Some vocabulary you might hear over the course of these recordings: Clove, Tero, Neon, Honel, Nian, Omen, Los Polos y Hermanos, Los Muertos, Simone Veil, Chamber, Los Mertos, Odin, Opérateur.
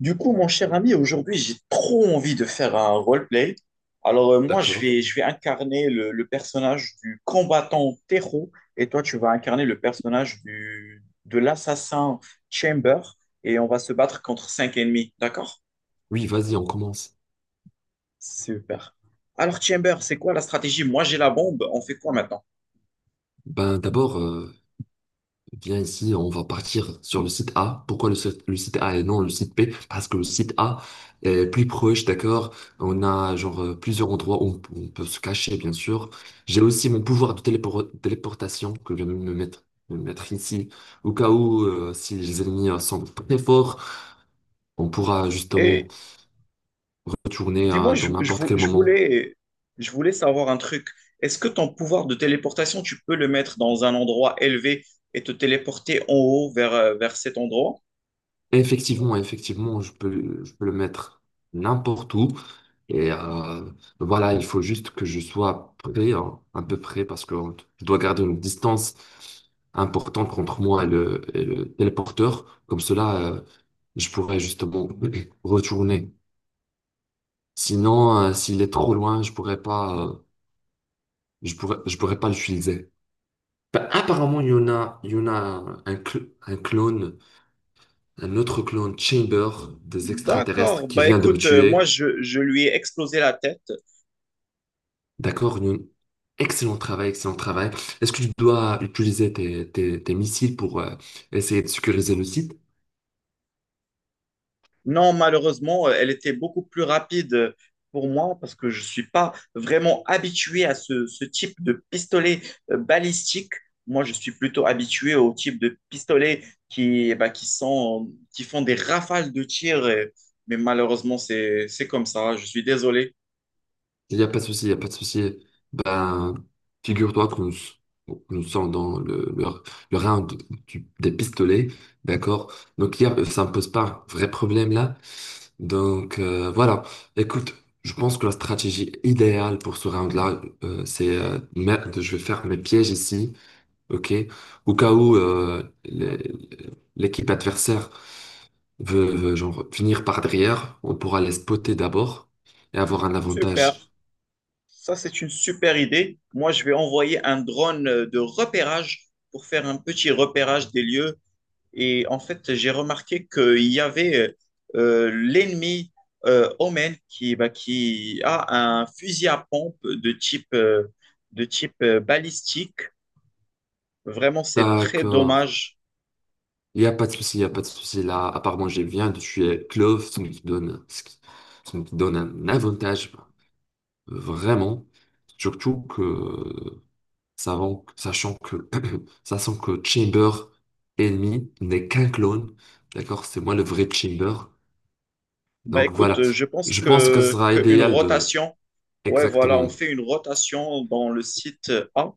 Du coup, mon cher ami, aujourd'hui, j'ai trop envie de faire un roleplay. Alors, moi, je D'accord. vais, je vais incarner le personnage du combattant Tero et toi, tu vas incarner le personnage de l'assassin Chamber et on va se battre contre 5 ennemis. D'accord? Oui, vas-y, on commence. Super. Alors, Chamber, c'est quoi la stratégie? Moi, j'ai la bombe. On fait quoi maintenant? Ben, d'abord, viens ici, on va partir sur le site A. Pourquoi le site A et non le site B? Parce que le site A est plus proche, d'accord? On a genre plusieurs endroits où on peut se cacher, bien sûr. J'ai aussi mon pouvoir de téléportation que je viens de me mettre ici. Au cas où, si les ennemis sont très forts, on pourra justement retourner Dis-moi, dans n'importe quel moment. Je voulais savoir un truc. Est-ce que ton pouvoir de téléportation, tu peux le mettre dans un endroit élevé et te téléporter en haut vers cet endroit? Effectivement, je peux le mettre n'importe où. Et voilà, il faut juste que je sois prêt, hein, à peu près, parce que je dois garder une distance importante entre moi et et le téléporteur. Comme cela, je pourrais justement retourner. Sinon, s'il est trop loin, je pourrais pas, je pourrais pas l'utiliser. Bah, apparemment, il y en a un, un clone, un autre clone Chamber des extraterrestres D'accord. qui Bah vient de me écoute, moi, tuer. Je lui ai explosé la tête. D'accord, Youn. Excellent travail, excellent travail. Est-ce que tu dois utiliser tes missiles pour essayer de sécuriser le site? Non, malheureusement, elle était beaucoup plus rapide pour moi parce que je ne suis pas vraiment habitué à ce type de pistolet balistique. Moi, je suis plutôt habitué au type de pistolet qui, bah, qui font des rafales de tir. Mais malheureusement, c'est comme ça. Je suis désolé. Il n'y a pas de souci, il n'y a pas de souci. Ben, figure-toi que nous, nous sommes dans le round des pistolets, d'accord? Donc, ça ne pose pas un vrai problème là. Donc, voilà. Écoute, je pense que la stratégie idéale pour ce round-là, c'est je vais faire mes pièges ici. Ok. Au cas où l'équipe adversaire genre venir par derrière, on pourra les spotter d'abord et avoir un Super. avantage. Ça, c'est une super idée. Moi, je vais envoyer un drone de repérage pour faire un petit repérage des lieux. Et en fait, j'ai remarqué qu'il y avait l'ennemi Omen qui, bah, qui a un fusil à pompe de de type balistique. Vraiment, c'est très D'accord. dommage. Il n'y a pas de souci, il n'y a pas de souci. Là, à part moi, je viens de tuer Clove, ce qui donne un avantage vraiment. Surtout que, sachant que, sachant que Chamber ennemi n'est qu'un clone. D'accord? C'est moi le vrai Chamber. Bah, Donc voilà, écoute, je pense je pense que ce que, sera qu'une idéal de rotation, ouais, voilà, on exactement fait une rotation dans le site A.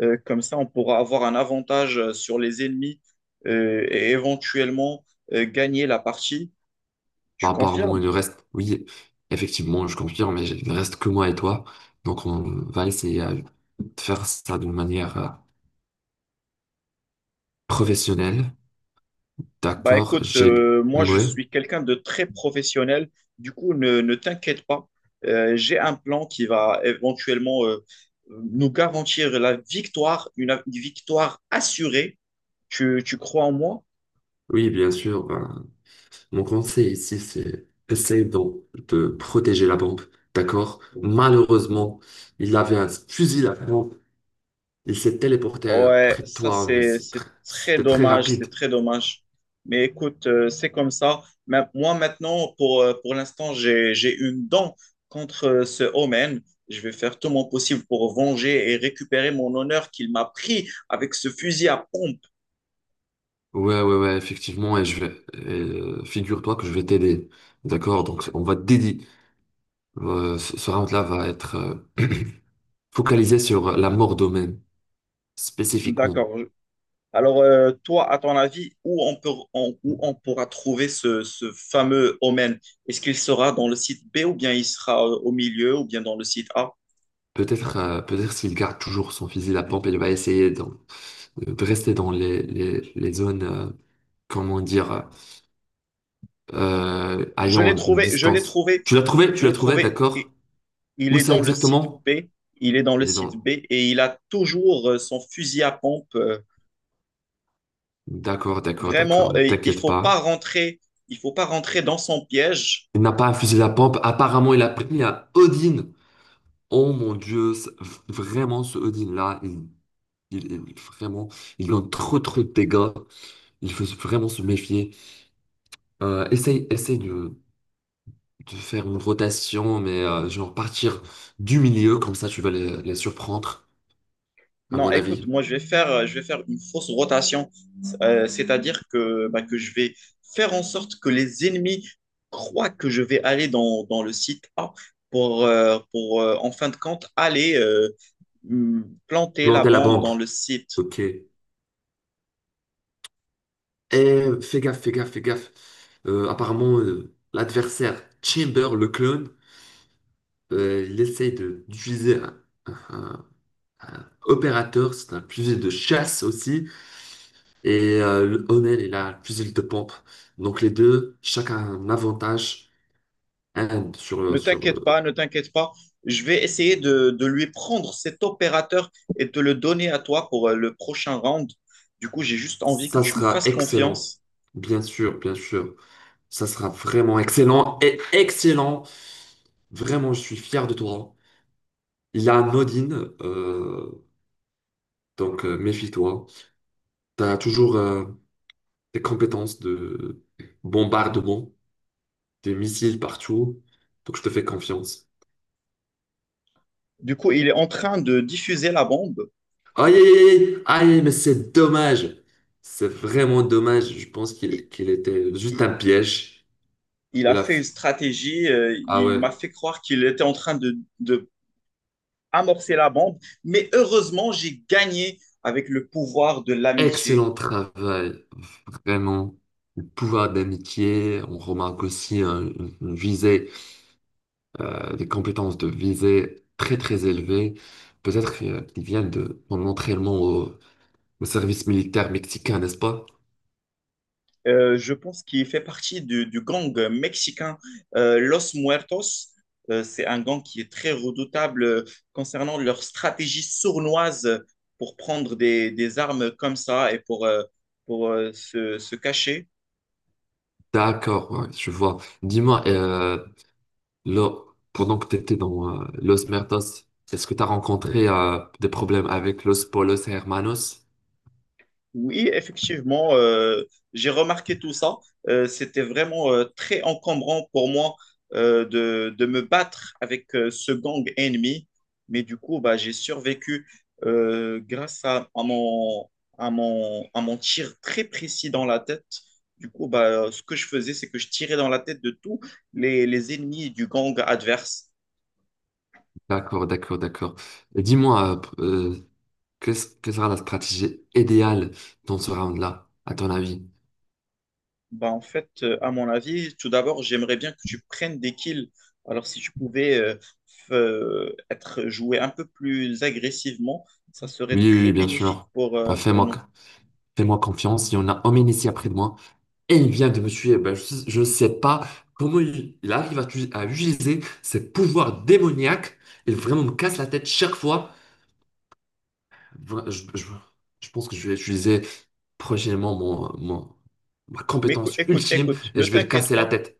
Comme ça, on pourra avoir un avantage sur les ennemis et éventuellement gagner la partie. Tu par rapport à moi, confirmes? il ne reste, oui, effectivement, je confirme, mais il ne reste que moi et toi. Donc on va essayer de faire ça d'une manière professionnelle. Bah D'accord, écoute, j'ai... moi je Ouais. suis quelqu'un de très professionnel, du coup ne t'inquiète pas. J'ai un plan qui va éventuellement nous garantir la victoire, une victoire assurée. Tu crois en moi? Oui, bien sûr. Ben, mon conseil ici, c'est essayer de protéger la bombe. D'accord? Malheureusement, il avait un fusil à pompe. Il s'est téléporté Ouais, près de ça toi, mais c'est très c'était très dommage, rapide. c'est très dommage. Mais écoute, c'est comme ça. Mais moi maintenant, pour l'instant, j'ai une dent contre ce Omen. Je vais faire tout mon possible pour venger et récupérer mon honneur qu'il m'a pris avec ce fusil à pompe. Ouais, ouais, ouais, effectivement, et, figure-toi que je vais t'aider. D'accord? Donc, on va te dédier. Ce round-là va être focalisé sur la mort d'Omen, spécifiquement. D'accord. Alors, toi, à ton avis, où on où on pourra trouver ce fameux Omen? Est-ce qu'il sera dans le site B ou bien il sera au milieu ou bien dans le site A? Peut-être peut-être s'il garde toujours son fusil à pompe, il va essayer de rester dans les zones, comment dire, Je l'ai ayant une trouvé, je l'ai distance. trouvé, Tu l'as trouvé? je Tu l'as l'ai trouvé, trouvé. d'accord? Et il Où est ça dans le site exactement? B, il est dans le Il est site dans... B et il a toujours son fusil à pompe. D'accord, d'accord, d'accord, Vraiment, ne il t'inquiète faut pas pas. rentrer, il faut pas rentrer dans son piège. Il n'a pas infusé la pompe. Apparemment, il a pris un Odin. Oh mon Dieu, vraiment ce Odin-là, vraiment, il donne trop trop de dégâts. Il faut vraiment se méfier. Essaye de faire une rotation, mais genre partir du milieu, comme ça tu vas les surprendre, à Non, mon écoute, avis. moi je vais je vais faire une fausse rotation. C'est-à-dire que bah, que je vais faire en sorte que les ennemis croient que je vais aller dans le site A pour en fin de compte planter la Planter la bombe pompe. dans le site. Ok. Et fais gaffe, fais gaffe, fais gaffe. Apparemment, l'adversaire Chamber, le clone, d'utiliser un- Opérateur, c'est un fusil de chasse aussi, et le Honel est un fusil de pompe. Donc les deux, chacun a un avantage. Un Ne t'inquiète pas, ne t'inquiète pas. Je vais essayer de lui prendre cet opérateur et de le donner à toi pour le prochain round. Du coup, j'ai juste envie que ça tu me sera fasses excellent, confiance. bien sûr, bien sûr. Ça sera vraiment excellent et excellent. Vraiment, je suis fier de toi. Il y a un Odin, donc méfie-toi. Tu as toujours des compétences de bombardement, des missiles partout, donc je te fais confiance. Du coup, il est en train de diffuser la bombe. Aïe, aïe, aïe, aïe, aïe, mais c'est dommage. C'est vraiment dommage. Je pense Il, qu'il était juste il- un piège. il a Il a fait une fait- stratégie. Euh, Ah il ouais, m'a fait croire qu'il était en train de amorcer la bombe. Mais heureusement, j'ai gagné avec le pouvoir de l'amitié. excellent travail. Vraiment. Le pouvoir d'amitié. On remarque aussi une visée, des compétences de visée très, très élevées. Peut-être qu'ils viennent de mon entraînement au, au service militaire mexicain, n'est-ce pas? Je pense qu'il fait partie du gang mexicain Los Muertos. C'est un gang qui est très redoutable concernant leur stratégie sournoise pour prendre des armes comme ça et pour se, se cacher. D'accord, ouais, je vois. Dis-moi, Là, pendant que tu étais dans Los Mertos, est-ce que tu as rencontré des problèmes avec Los Polos et Hermanos? Oui, effectivement, j'ai remarqué tout ça. C'était vraiment très encombrant pour moi de me battre avec ce gang ennemi. Mais du coup, bah, j'ai survécu grâce à mon, à mon tir très précis dans la tête. Du coup, bah, ce que je faisais, c'est que je tirais dans la tête de tous les ennemis du gang adverse. D'accord, d'accord, d'accord. Et dis-moi, quelle sera la stratégie idéale dans ce round-là, à ton avis? Bah, en fait, à mon avis, tout d'abord, j'aimerais bien que tu prennes des kills. Alors, si tu pouvais être joué un peu plus agressivement, ça serait Oui, oui, très oui, bien bénéfique sûr. Bah, pour fais-moi, nous. fais-moi confiance. Il y en a un homme ici après de moi et il vient de me tuer. Bah, je ne sais pas comment il arrive à, à utiliser ses pouvoirs démoniaques. Il vraiment me casse la tête chaque fois. Vra- Je, je- je pense que je vais utiliser prochainement ma Mais compétence écoute, ultime écoute, et ne je vais le t'inquiète casser la pas, tête.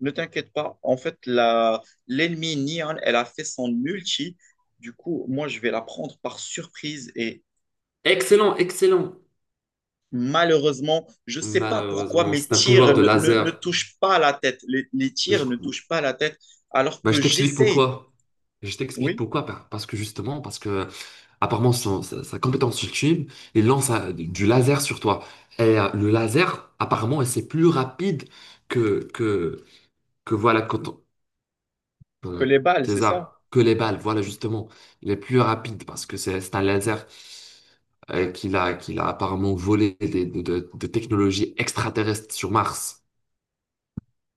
ne t'inquiète pas. En fait, l'ennemi Nian, elle a fait son ulti. Du coup, moi, je vais la prendre par surprise et Excellent, excellent. malheureusement, je sais pas pourquoi Malheureusement, mes c'est un tirs pouvoir de ne laser. touchent pas la tête. Les Je, tirs ne touchent pas la tête alors bah, que je t'explique j'essaye. pourquoi. Je t'explique Oui, pourquoi. Parce que justement, parce que apparemment, sa compétence ultime, il lance du laser sur toi. Et le laser, apparemment, c'est plus rapide que, que, que voilà, que euh, les balles, c'est tes armes, ça? que les balles. Voilà, justement, il est plus rapide parce que c'est un laser qu'il a apparemment volé de technologies extraterrestres sur Mars.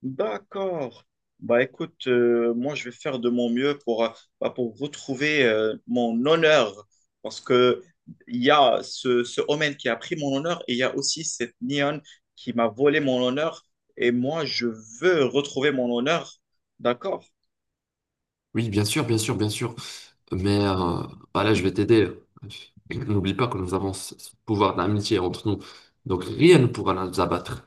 D'accord. Bah écoute, moi je vais faire de mon mieux bah, pour retrouver mon honneur. Parce que il y a ce Omen qui a pris mon honneur et il y a aussi cette Neon qui m'a volé mon honneur. Et moi je veux retrouver mon honneur. D'accord. Oui, bien sûr, bien sûr, bien sûr. Mais voilà, je vais t'aider. N'oublie pas que nous avons ce pouvoir d'amitié entre nous. Donc rien ne pourra nous abattre.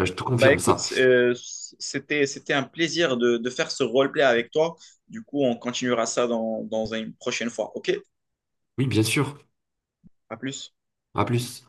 Je te Bah confirme écoute, ça. C'était un plaisir de faire ce roleplay avec toi. Du coup, on continuera ça dans une prochaine fois. OK? Oui, bien sûr. À plus. À plus.